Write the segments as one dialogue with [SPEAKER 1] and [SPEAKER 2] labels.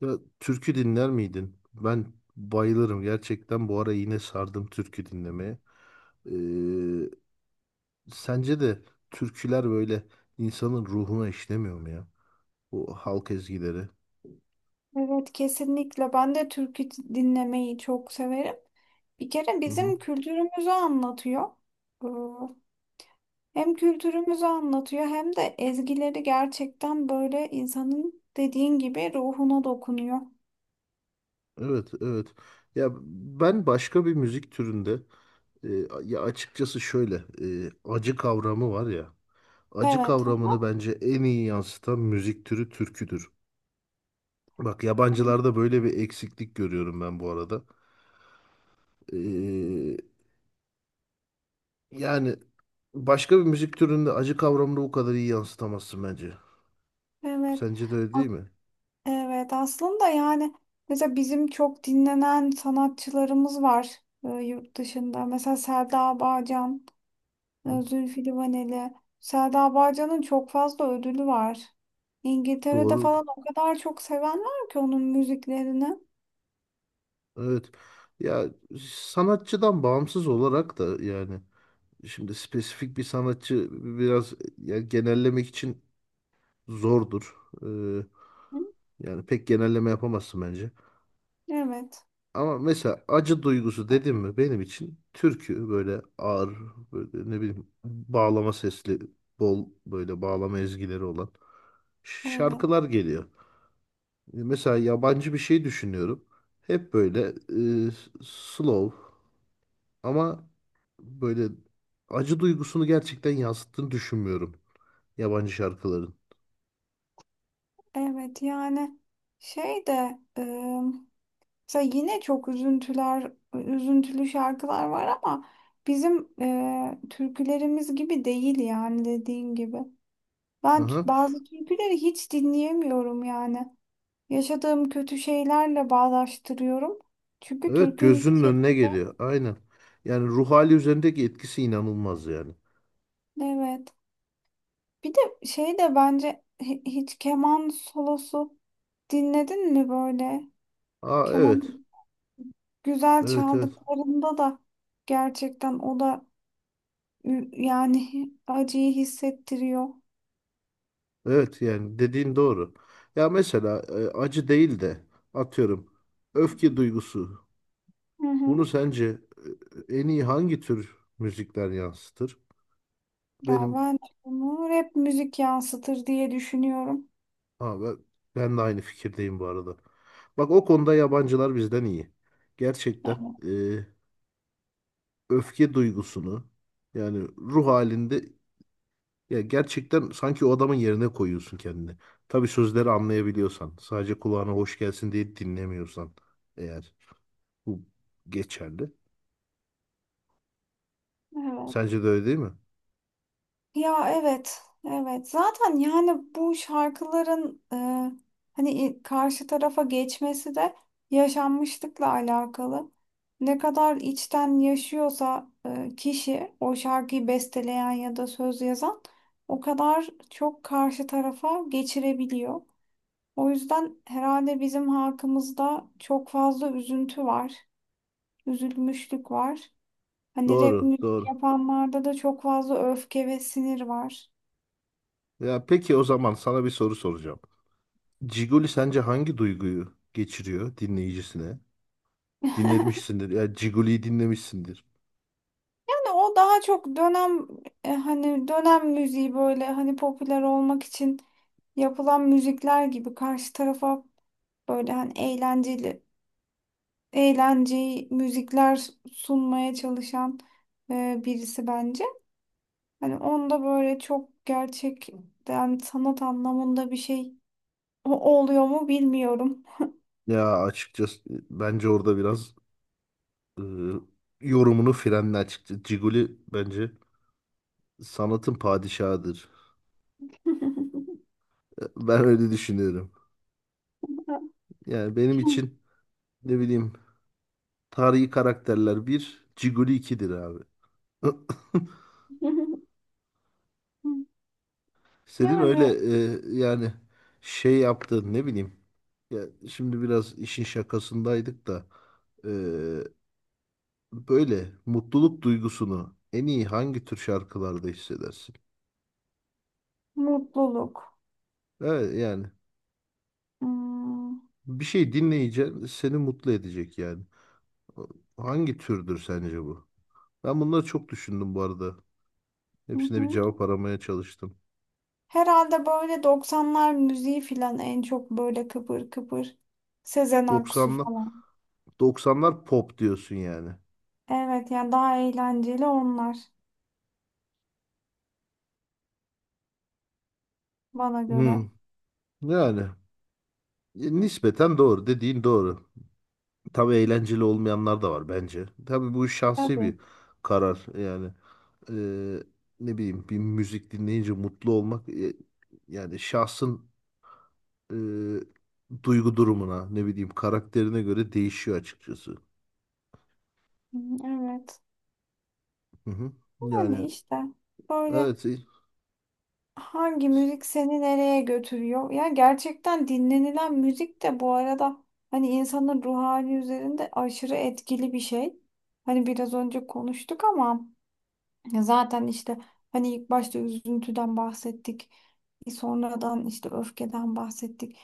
[SPEAKER 1] Ya türkü dinler miydin? Ben bayılırım gerçekten. Bu ara yine sardım türkü dinlemeye. Ee, Sence de türküler böyle insanın ruhuna işlemiyor mu ya? O halk ezgileri.
[SPEAKER 2] Evet kesinlikle. Ben de türkü dinlemeyi çok severim. Bir kere
[SPEAKER 1] Hı hı.
[SPEAKER 2] bizim kültürümüzü anlatıyor. Ee, Hem kültürümüzü anlatıyor hem de ezgileri gerçekten böyle insanın dediğin gibi ruhuna dokunuyor.
[SPEAKER 1] Evet, evet. Ya ben başka bir müzik türünde, e, ya açıkçası şöyle, acı kavramı var ya. Acı
[SPEAKER 2] Evet.
[SPEAKER 1] kavramını bence en iyi yansıtan müzik türü türküdür. Bak yabancılarda böyle bir eksiklik görüyorum ben bu arada. Ee, Yani başka bir müzik türünde acı kavramını bu kadar iyi yansıtamazsın bence.
[SPEAKER 2] Evet.
[SPEAKER 1] Sence de öyle
[SPEAKER 2] A-
[SPEAKER 1] değil mi?
[SPEAKER 2] Evet aslında yani mesela bizim çok dinlenen sanatçılarımız var yurt dışında. Mesela Selda Bağcan.
[SPEAKER 1] Hı?
[SPEAKER 2] Zülfü Livaneli. Selda Bağcan'ın çok fazla ödülü var. İngiltere'de
[SPEAKER 1] Doğru.
[SPEAKER 2] falan o kadar çok seven var ki onun müziklerini.
[SPEAKER 1] Evet. Ya sanatçıdan bağımsız olarak da, yani şimdi spesifik bir sanatçı biraz ya genellemek için zordur. Ee,
[SPEAKER 2] Hı?
[SPEAKER 1] Yani pek genelleme yapamazsın bence.
[SPEAKER 2] Evet,
[SPEAKER 1] Ama mesela acı duygusu dedim mi benim için türkü böyle ağır, böyle ne bileyim bağlama sesli, bol böyle bağlama ezgileri olan
[SPEAKER 2] evet,
[SPEAKER 1] şarkılar geliyor. Mesela yabancı bir şey düşünüyorum. Hep böyle, e, slow, ama böyle acı duygusunu gerçekten yansıttığını düşünmüyorum yabancı şarkıların.
[SPEAKER 2] evet. Yani şey de mesela yine çok üzüntüler, üzüntülü şarkılar var ama bizim türkülerimiz gibi değil yani dediğin gibi. Ben
[SPEAKER 1] Aha.
[SPEAKER 2] bazı türküleri hiç dinleyemiyorum yani. Yaşadığım kötü şeylerle bağdaştırıyorum. Çünkü
[SPEAKER 1] Evet,
[SPEAKER 2] türkünün
[SPEAKER 1] gözünün önüne
[SPEAKER 2] şeyiyle
[SPEAKER 1] geliyor. Aynen. Yani ruh hali üzerindeki etkisi inanılmaz yani.
[SPEAKER 2] evet. Bir de şey de bence hiç keman solosu dinledin mi böyle?
[SPEAKER 1] Aa,
[SPEAKER 2] Keman
[SPEAKER 1] evet.
[SPEAKER 2] güzel
[SPEAKER 1] Evet, evet.
[SPEAKER 2] çaldıklarında da gerçekten o da yani acıyı hissettiriyor.
[SPEAKER 1] Evet, yani dediğin doğru. Ya mesela, acı değil de atıyorum öfke duygusu.
[SPEAKER 2] Hı hı.
[SPEAKER 1] Bunu sence, en iyi hangi tür müzikler yansıtır?
[SPEAKER 2] Ya
[SPEAKER 1] Benim
[SPEAKER 2] ben bunu rap müzik yansıtır diye düşünüyorum.
[SPEAKER 1] ha, ben, ben de aynı fikirdeyim bu arada. Bak, o konuda yabancılar bizden iyi. Gerçekten, e, öfke duygusunu, yani ruh halinde, ya gerçekten sanki o adamın yerine koyuyorsun kendini. Tabii sözleri anlayabiliyorsan, sadece kulağına hoş gelsin diye dinlemiyorsan eğer. Bu geçerli. Sence
[SPEAKER 2] Evet.
[SPEAKER 1] de öyle değil mi?
[SPEAKER 2] Ya evet, evet. Zaten yani bu şarkıların hani karşı tarafa geçmesi de yaşanmışlıkla alakalı. Ne kadar içten yaşıyorsa kişi o şarkıyı besteleyen ya da söz yazan o kadar çok karşı tarafa geçirebiliyor. O yüzden herhalde bizim halkımızda çok fazla üzüntü var, üzülmüşlük var. Hani rap
[SPEAKER 1] Doğru,
[SPEAKER 2] müzik
[SPEAKER 1] doğru.
[SPEAKER 2] yapanlarda da çok fazla öfke ve sinir var.
[SPEAKER 1] Ya peki, o zaman sana bir soru soracağım. Ciguli sence hangi duyguyu geçiriyor dinleyicisine? Dinlemişsindir. Ya Ciguli'yi dinlemişsindir.
[SPEAKER 2] Yani o daha çok dönem hani dönem müziği böyle hani popüler olmak için yapılan müzikler gibi karşı tarafa böyle hani eğlenceli eğlenceyi müzikler sunmaya çalışan birisi bence. Hani onda böyle çok gerçekten sanat anlamında bir şey oluyor mu bilmiyorum.
[SPEAKER 1] Ya açıkçası, bence orada biraz, e, yorumunu frenle açıkçası. Ciguli bence sanatın padişahıdır. Ben öyle düşünüyorum. Yani benim için ne bileyim, tarihi karakterler bir, Ciguli ikidir abi. Senin öyle,
[SPEAKER 2] Yani
[SPEAKER 1] yani şey yaptığın ne bileyim. Ya şimdi biraz işin şakasındaydık da, e, böyle mutluluk duygusunu en iyi hangi tür şarkılarda hissedersin?
[SPEAKER 2] mutluluk.
[SPEAKER 1] Evet, yani
[SPEAKER 2] Hmm.
[SPEAKER 1] bir şey dinleyeceksin seni mutlu edecek yani. Hangi türdür sence bu? Ben bunları çok düşündüm bu arada. Hepsine bir cevap aramaya çalıştım.
[SPEAKER 2] Herhalde böyle 90'lar müziği filan en çok böyle kıpır kıpır. Sezen Aksu
[SPEAKER 1] 90'lar.
[SPEAKER 2] falan.
[SPEAKER 1] 90'lar pop diyorsun yani.
[SPEAKER 2] Evet yani daha eğlenceli onlar bana göre.
[SPEAKER 1] Hmm, Yani, nispeten doğru, dediğin doğru. Tabii eğlenceli olmayanlar da var bence. Tabii bu şahsi
[SPEAKER 2] Tabii.
[SPEAKER 1] bir karar yani. Eee, Ne bileyim, bir müzik dinleyince mutlu olmak, yani şahsın, e, duygu durumuna, ne bileyim, karakterine göre değişiyor açıkçası.
[SPEAKER 2] Hı, evet.
[SPEAKER 1] Hı hı.
[SPEAKER 2] Yani
[SPEAKER 1] Yani
[SPEAKER 2] işte böyle
[SPEAKER 1] evet,
[SPEAKER 2] hangi müzik seni nereye götürüyor? Ya gerçekten dinlenilen müzik de bu arada hani insanın ruh hali üzerinde aşırı etkili bir şey. Hani biraz önce konuştuk ama ya zaten işte hani ilk başta üzüntüden bahsettik. Sonradan işte öfkeden bahsettik.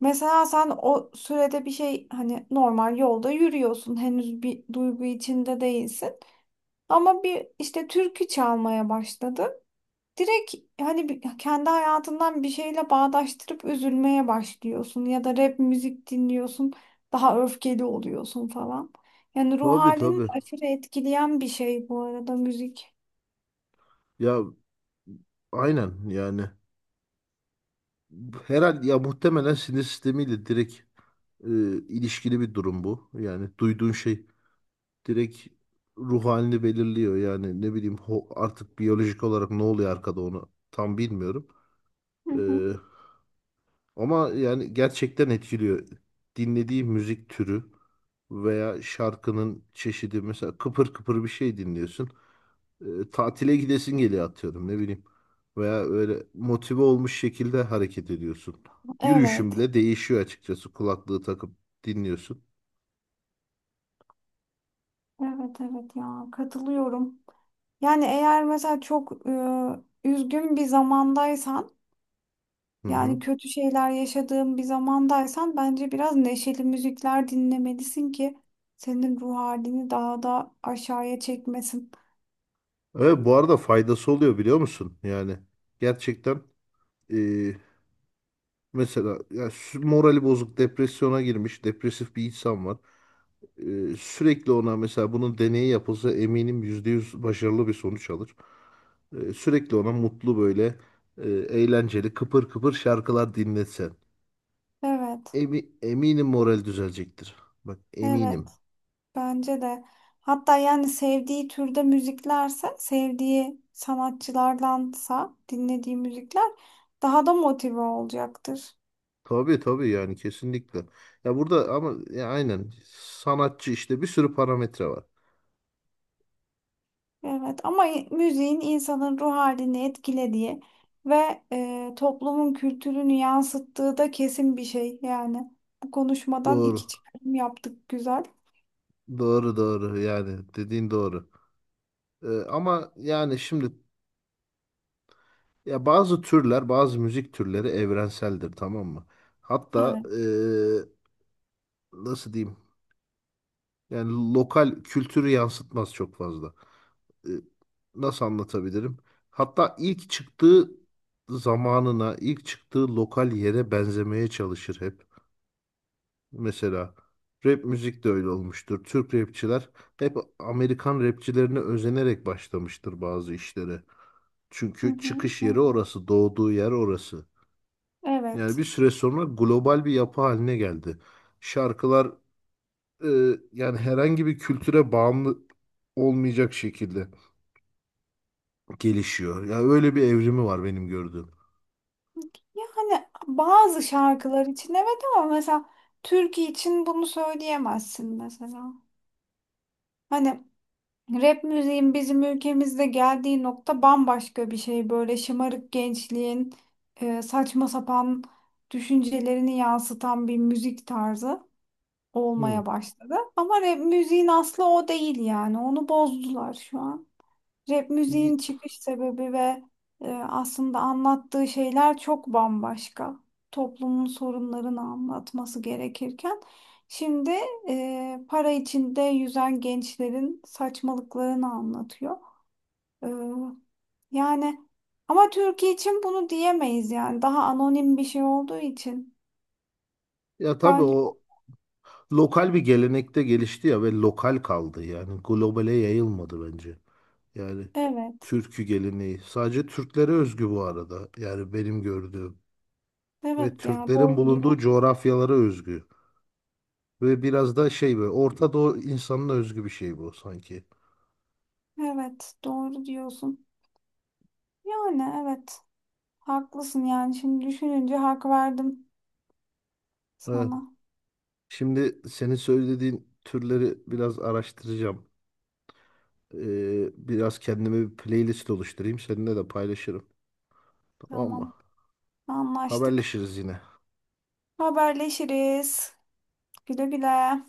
[SPEAKER 2] Mesela sen o sürede bir şey hani normal yolda yürüyorsun. Henüz bir duygu içinde değilsin. Ama bir işte türkü çalmaya başladın. Direkt hani kendi hayatından bir şeyle bağdaştırıp üzülmeye başlıyorsun. Ya da rap müzik dinliyorsun. Daha öfkeli oluyorsun falan. Yani ruh
[SPEAKER 1] tabii
[SPEAKER 2] halini de
[SPEAKER 1] tabii,
[SPEAKER 2] aşırı etkileyen bir şey bu arada müzik.
[SPEAKER 1] ya aynen yani, herhalde ya muhtemelen sinir sistemiyle direkt, e, ilişkili bir durum bu. Yani duyduğun şey direkt ruh halini belirliyor. Yani ne bileyim, artık biyolojik olarak ne oluyor arkada, onu tam bilmiyorum. Ee, Ama yani gerçekten etkiliyor. Dinlediği müzik türü veya şarkının çeşidi, mesela kıpır kıpır bir şey dinliyorsun. Tatile gidesin geliyor, atıyorum, ne bileyim. Veya öyle motive olmuş şekilde hareket ediyorsun. Yürüyüşün
[SPEAKER 2] Evet,
[SPEAKER 1] bile değişiyor açıkçası, kulaklığı takıp dinliyorsun.
[SPEAKER 2] evet, evet ya katılıyorum. Yani eğer mesela çok üzgün bir zamandaysan,
[SPEAKER 1] Hı
[SPEAKER 2] yani
[SPEAKER 1] hı.
[SPEAKER 2] kötü şeyler yaşadığın bir zamandaysan bence biraz neşeli müzikler dinlemelisin ki senin ruh halini daha da aşağıya çekmesin.
[SPEAKER 1] Evet, bu arada faydası oluyor biliyor musun? Yani gerçekten, Ee, mesela ya morali bozuk, depresyona girmiş, depresif bir insan var. Sürekli ona, mesela bunun deneyi yapılsa eminim %100 başarılı bir sonuç alır. Sürekli ona mutlu böyle, eğlenceli, kıpır kıpır şarkılar dinletsen.
[SPEAKER 2] Evet.
[SPEAKER 1] Eminim moral düzelecektir. Bak, eminim.
[SPEAKER 2] Evet, bence de. Hatta yani sevdiği türde müziklerse, sevdiği sanatçılardansa dinlediği müzikler daha da motive olacaktır.
[SPEAKER 1] Tabii tabii, yani kesinlikle. Ya burada ama, ya aynen, sanatçı işte, bir sürü parametre var.
[SPEAKER 2] Evet, ama müziğin insanın ruh halini etkilediği ve toplumun kültürünü yansıttığı da kesin bir şey. Yani bu konuşmadan iki
[SPEAKER 1] Doğru.
[SPEAKER 2] çıkarım yaptık güzel.
[SPEAKER 1] Doğru doğru, yani dediğin doğru. Ama yani şimdi, ya bazı türler, bazı müzik türleri evrenseldir, tamam mı? Hatta,
[SPEAKER 2] Evet.
[SPEAKER 1] nasıl diyeyim? Yani lokal kültürü yansıtmaz çok fazla. Ee, Nasıl anlatabilirim? Hatta ilk çıktığı zamanına, ilk çıktığı lokal yere benzemeye çalışır hep. Mesela rap müzik de öyle olmuştur. Türk rapçiler hep Amerikan rapçilerine özenerek başlamıştır bazı işlere.
[SPEAKER 2] Hı
[SPEAKER 1] Çünkü
[SPEAKER 2] hı,
[SPEAKER 1] çıkış yeri
[SPEAKER 2] evet.
[SPEAKER 1] orası, doğduğu yer orası. Yani
[SPEAKER 2] Evet.
[SPEAKER 1] bir süre sonra global bir yapı haline geldi. Şarkılar, e, yani herhangi bir kültüre bağımlı olmayacak şekilde gelişiyor. Yani öyle bir evrimi var benim gördüğüm.
[SPEAKER 2] Yani bazı şarkılar için evet ama mesela türkü için bunu söyleyemezsin mesela. Hani rap müziğin bizim ülkemizde geldiği nokta bambaşka bir şey. Böyle şımarık gençliğin saçma sapan düşüncelerini yansıtan bir müzik tarzı
[SPEAKER 1] Hı.
[SPEAKER 2] olmaya başladı. Ama rap müziğin aslı o değil yani. Onu bozdular şu an. Rap
[SPEAKER 1] Y-
[SPEAKER 2] müziğin çıkış sebebi ve aslında anlattığı şeyler çok bambaşka. Toplumun sorunlarını anlatması gerekirken şimdi para içinde yüzen gençlerin saçmalıklarını anlatıyor. E, Yani ama Türkiye için bunu diyemeyiz yani daha anonim bir şey olduğu için
[SPEAKER 1] Ya tabii
[SPEAKER 2] bence
[SPEAKER 1] o lokal bir gelenekte gelişti ya, ve lokal kaldı, yani globale yayılmadı bence. Yani
[SPEAKER 2] evet.
[SPEAKER 1] türkü geleneği. Sadece Türklere özgü bu arada. Yani benim gördüğüm. Ve
[SPEAKER 2] Evet ya
[SPEAKER 1] Türklerin
[SPEAKER 2] doğru diyor.
[SPEAKER 1] bulunduğu coğrafyalara özgü. Ve biraz da şey, böyle Orta Doğu insanına özgü bir şey bu sanki.
[SPEAKER 2] Evet doğru diyorsun. Yani evet haklısın yani şimdi düşününce hak verdim.
[SPEAKER 1] Ha,
[SPEAKER 2] Sana.
[SPEAKER 1] şimdi senin söylediğin türleri biraz araştıracağım. Biraz kendime bir playlist oluşturayım. Seninle de paylaşırım. Tamam mı?
[SPEAKER 2] Tamam. Anlaştık.
[SPEAKER 1] Haberleşiriz yine.
[SPEAKER 2] Haberleşiriz. Güle güle.